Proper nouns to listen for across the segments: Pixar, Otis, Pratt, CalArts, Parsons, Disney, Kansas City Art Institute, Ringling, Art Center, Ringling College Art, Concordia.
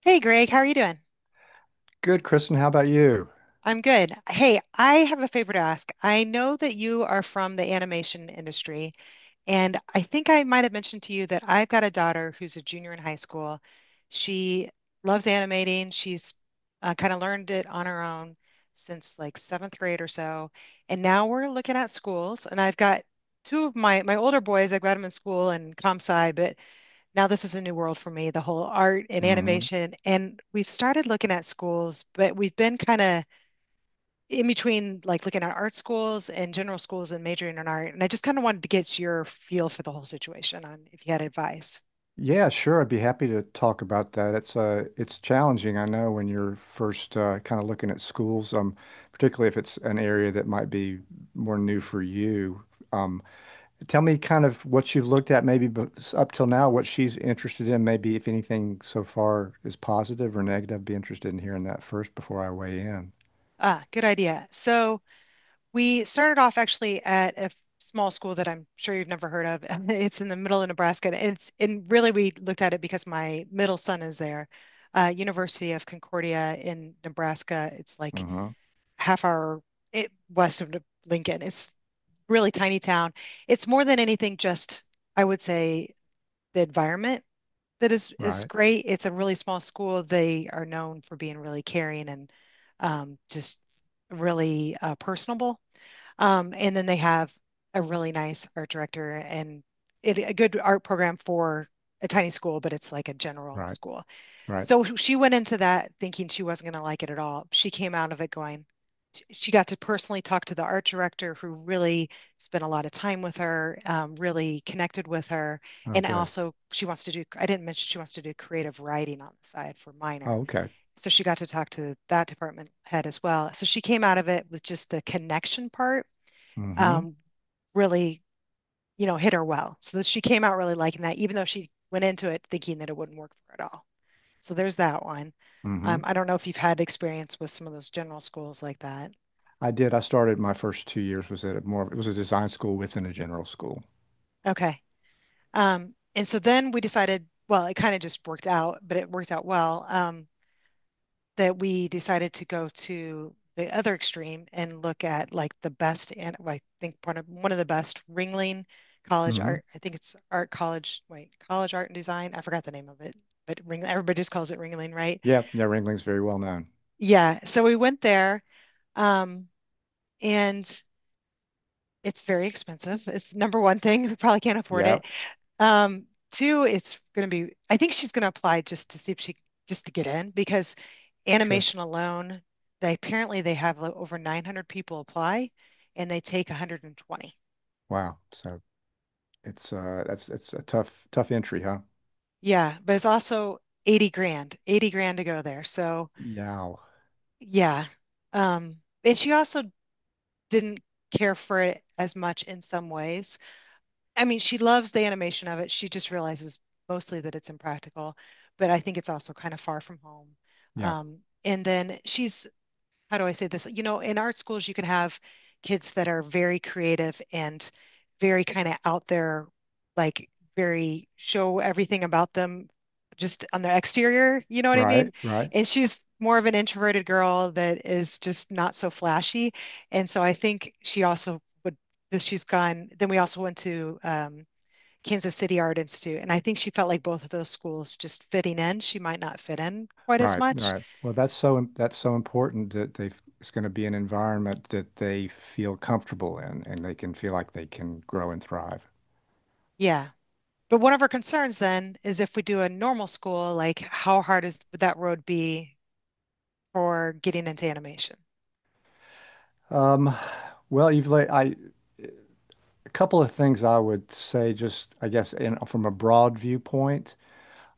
Hey Greg, how are you doing? Good, Kristen. How about you? I'm good. Hey, I have a favor to ask. I know that you are from the animation industry, and I think I might have mentioned to you that I've got a daughter who's a junior in high school. She loves animating. She's kind of learned it on her own since like seventh grade or so. And now we're looking at schools, and I've got two of my older boys. I've got them in school and comp sci, but now this is a new world for me, the whole art and Hmm. animation. And we've started looking at schools, but we've been kind of in between like looking at art schools and general schools and majoring in art. And I just kind of wanted to get your feel for the whole situation on if you had advice. Yeah, sure. I'd be happy to talk about that. It's challenging, I know, when you're first kind of looking at schools, particularly if it's an area that might be more new for you. Um, Tell me kind of what you've looked at, maybe up till now, what she's interested in, maybe if anything so far is positive or negative. I'd be interested in hearing that first before I weigh in. Ah, good idea. So we started off actually at a small school that I'm sure you've never heard of. It's in the middle of Nebraska. And it's and really we looked at it because my middle son is there. University of Concordia in Nebraska. It's like Hmm. half hour it, west of Lincoln. It's really tiny town. It's more than anything just I would say the environment that is Right, great. It's a really small school. They are known for being really caring and just really personable. And then they have a really nice art director and it, a good art program for a tiny school, but it's like a general right, school. right. So she went into that thinking she wasn't going to like it at all. She came out of it going, she got to personally talk to the art director who really spent a lot of time with her, really connected with her. Oh, And good. also, she wants to do, I didn't mention she wants to do creative writing on the side for minor. Oh, okay. So she got to talk to that department head as well. So she came out of it with just the connection part Mm-hmm. um, really, hit her well. So she came out really liking that, even though she went into it thinking that it wouldn't work for her at all. So there's that one. Mm-hmm. I don't know if you've had experience with some of those general schools like that. I did. I started my first 2 years was at a more, it was a design school within a general school. Okay. And so then we decided, well, it kind of just worked out, but it worked out well, that we decided to go to the other extreme and look at like the best, and well, I think one of the best Ringling College Hmm. Art, I think it's Art College, wait, College Art and Design. I forgot the name of it, but Ring, everybody just calls it Ringling, right? Yeah. Yeah. Ringling's very well known. Yeah. So we went there, um, and it's very expensive. It's the number one thing. We probably can't afford Yeah. it. Two, it's going to be, I think she's going to apply just to see if she, just to get in because Sure. animation alone, they apparently they have like over 900 people apply and they take 120. Wow. So it's a tough, tough entry, huh? Yeah, but it's also 80 grand, 80 grand to go there. So Yeah. yeah. Um, and she also didn't care for it as much in some ways. I mean, she loves the animation of it. She just realizes mostly that it's impractical, but I think it's also kind of far from home. Yeah. Um, and then she's how do I say this? You know, in art schools, you can have kids that are very creative and very kind of out there, like very show everything about them just on their exterior, you know what I mean? Right. Right. And she's more of an introverted girl that is just not so flashy. And so I think she also would, she's gone. Then we also went to Kansas City Art Institute. And I think she felt like both of those schools just fitting in. She might not fit in quite as Right. much. Right. Well, that's so important it's going to be an environment that they feel comfortable in and they can feel like they can grow and thrive. Yeah. But one of our concerns then is if we do a normal school, like how hard is would that road be for getting into animation? Um, well, a couple of things I would say, just I guess in, from a broad viewpoint.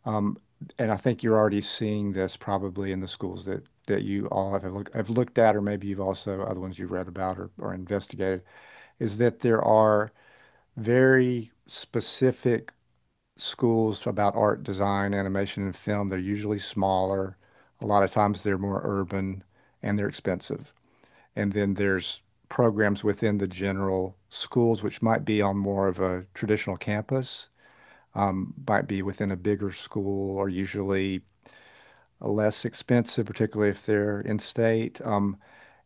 Um, and I think you're already seeing this probably in the schools that you all have looked at, or maybe you've also other ones you've read about or investigated, is that there are very specific schools about art, design, animation, and film. They're usually smaller. A lot of times they're more urban and they're expensive. And then there's programs within the general schools, which might be on more of a traditional campus, might be within a bigger school, or usually less expensive, particularly if they're in state.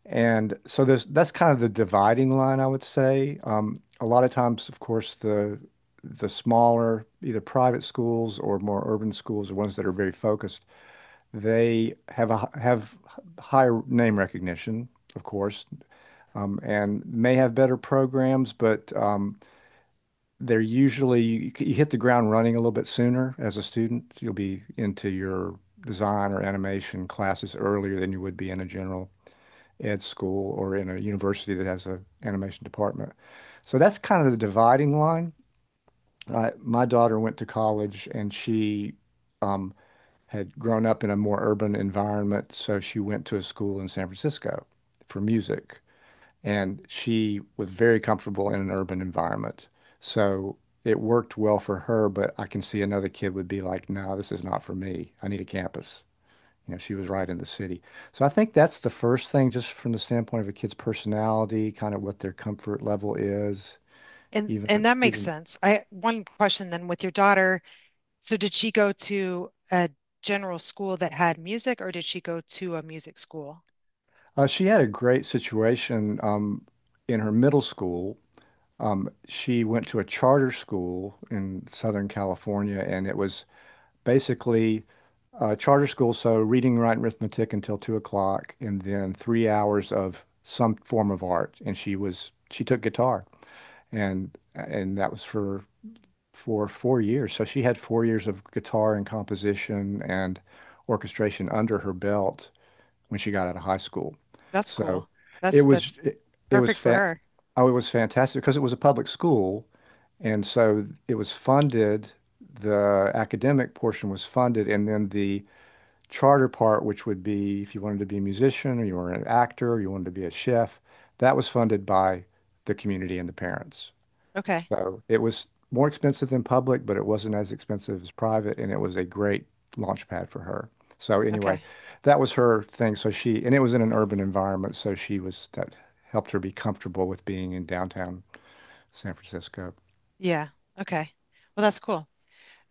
And so there's that's kind of the dividing line, I would say. A lot of times, of course, the smaller either private schools or more urban schools, or ones that are very focused, they have higher name recognition, of course, and may have better programs, but they're usually you hit the ground running a little bit sooner as a student. You'll be into your design or animation classes earlier than you would be in a general ed school or in a university that has an animation department. So that's kind of the dividing line. My daughter went to college and she um, had grown up in a more urban environment, so she went to a school in San Francisco for music and she was very comfortable in an urban environment. So it worked well for her, but I can see another kid would be like, no, this is not for me. I need a campus. You know, she was right in the city. So I think that's the first thing, just from the standpoint of a kid's personality, kind of what their comfort level is. And Even, and that makes even sense. I One question then with your daughter, so did she go to a general school that had music or did she go to a music school? She had a great situation in her middle school. She went to a charter school in Southern California, and it was basically charter school, so reading, writing, arithmetic until 2 o'clock, and then 3 hours of some form of art. And she took guitar, and that was for 4 years. So she had 4 years of guitar and composition and orchestration under her belt when she got out of high school. That's So cool. it That's was it, it was perfect for fa her. oh, it was fantastic because it was a public school, and so it was funded. The academic portion was funded, and then the charter part, which would be if you wanted to be a musician or you were an actor or you wanted to be a chef, that was funded by the community and the parents. Okay. So it was more expensive than public, but it wasn't as expensive as private, and it was a great launch pad for her. So anyway, Okay. that was her thing. So, and it was in an urban environment, so that helped her be comfortable with being in downtown San Francisco. Yeah. Okay. Well, that's cool.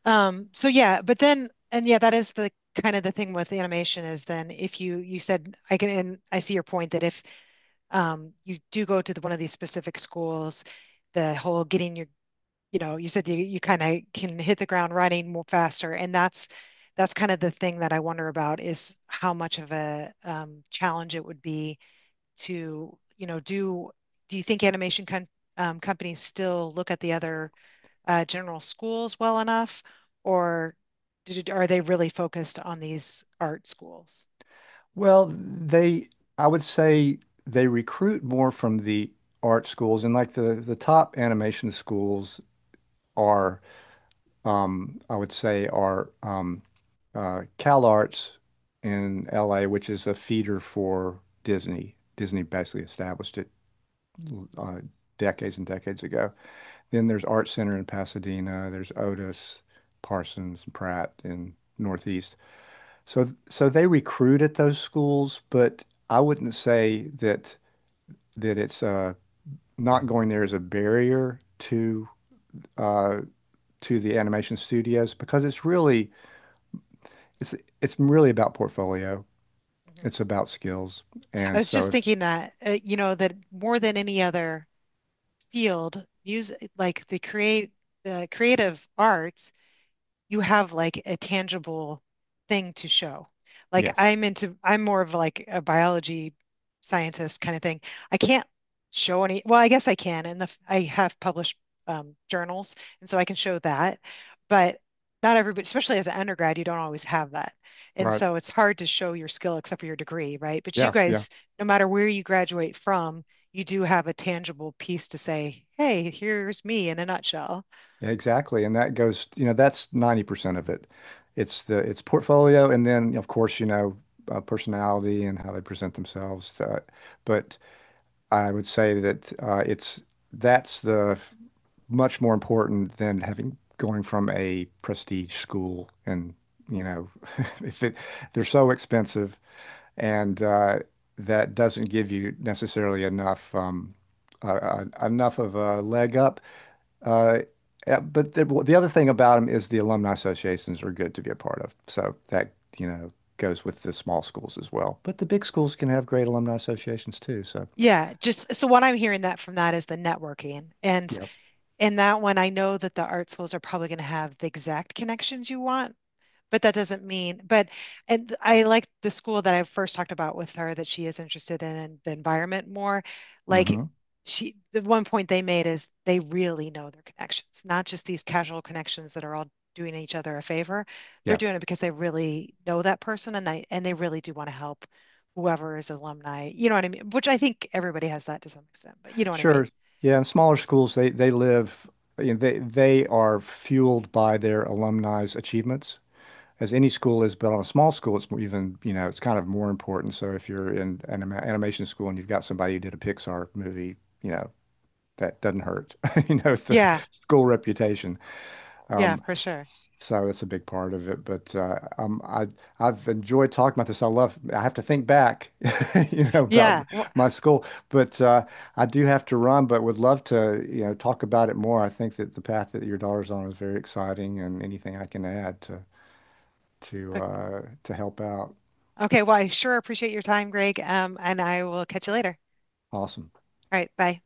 So yeah, but then and yeah, that is the kind of the thing with animation is then if you said I can and I see your point that if you do go to one of these specific schools, the whole getting your, you said you kind of can hit the ground running more faster. And that's kind of the thing that I wonder about is how much of a challenge it would be to, do you think animation con companies still look at the other general schools well enough, or are they really focused on these art schools? Well, I would say they recruit more from the art schools and like the top animation schools are, I would say are CalArts in LA, which is a feeder for Disney. Disney basically established it uh, decades and decades ago. Then there's Art Center in Pasadena. There's Otis, Parsons, Pratt in Northeast. So they recruit at those schools, but I wouldn't say that that it's not going there is a barrier uh to the animation studios because it's it's really about portfolio. hmm It's about skills. I And was so just if thinking that, that more than any other field, music, like the creative arts you have like a tangible thing to show. Like Yes, I'm into, I'm more of like a biology scientist kind of thing. I can't show any, well, I guess I can, and the, I have published journals, and so I can show that. But not everybody, especially as an undergrad, you don't always have that. And right. so it's hard to show your skill except for your degree, right? But you Yeah, yeah. guys, no matter where you graduate from, you do have a tangible piece to say, hey, here's me in a nutshell. Exactly. And that goes, that's 90% of it. It's portfolio and then of course, personality and how they present themselves. But I would say that's the much more important than having going from a prestige school and you know if it they're so expensive, and that doesn't give you necessarily uh, enough of a leg up. Uh, well, the other thing about them is the alumni associations are good to be a part of. So that goes with the small schools as well. But the big schools can have great alumni associations too. So Yeah, just so what I'm hearing that from that is the networking. And yeah. in that one, I know that the art schools are probably going to have the exact connections you want, but that doesn't mean, but and I like the school that I first talked about with her that she is interested in the environment more. Mm Like hmm. The one point they made is they really know their connections, not just these casual connections that are all doing each other a favor. They're Yeah, doing it because they really know that person and they really do want to help whoever is alumni. You know what I mean? Which I think everybody has that to some extent, but you know what I mean? sure. Yeah, and smaller schools, they live, you know, they are fueled by their alumni's achievements, as any school is. But on a small school, it's more even, it's kind of more important. So if you're in an animation school and you've got somebody who did a Pixar movie, you know, that doesn't hurt, the Yeah, school reputation. yeah, Um, for sure. So that's a big part of it. But I've enjoyed talking about this. I love. I have to think back, about Yeah. Well, my school. But I do have to run. But would love to, talk about it more. I think that the path that your daughter's on is very exciting, and anything I can add to help out. okay, well, I sure appreciate your time, Greg, and I will catch you later. Awesome. All right, bye.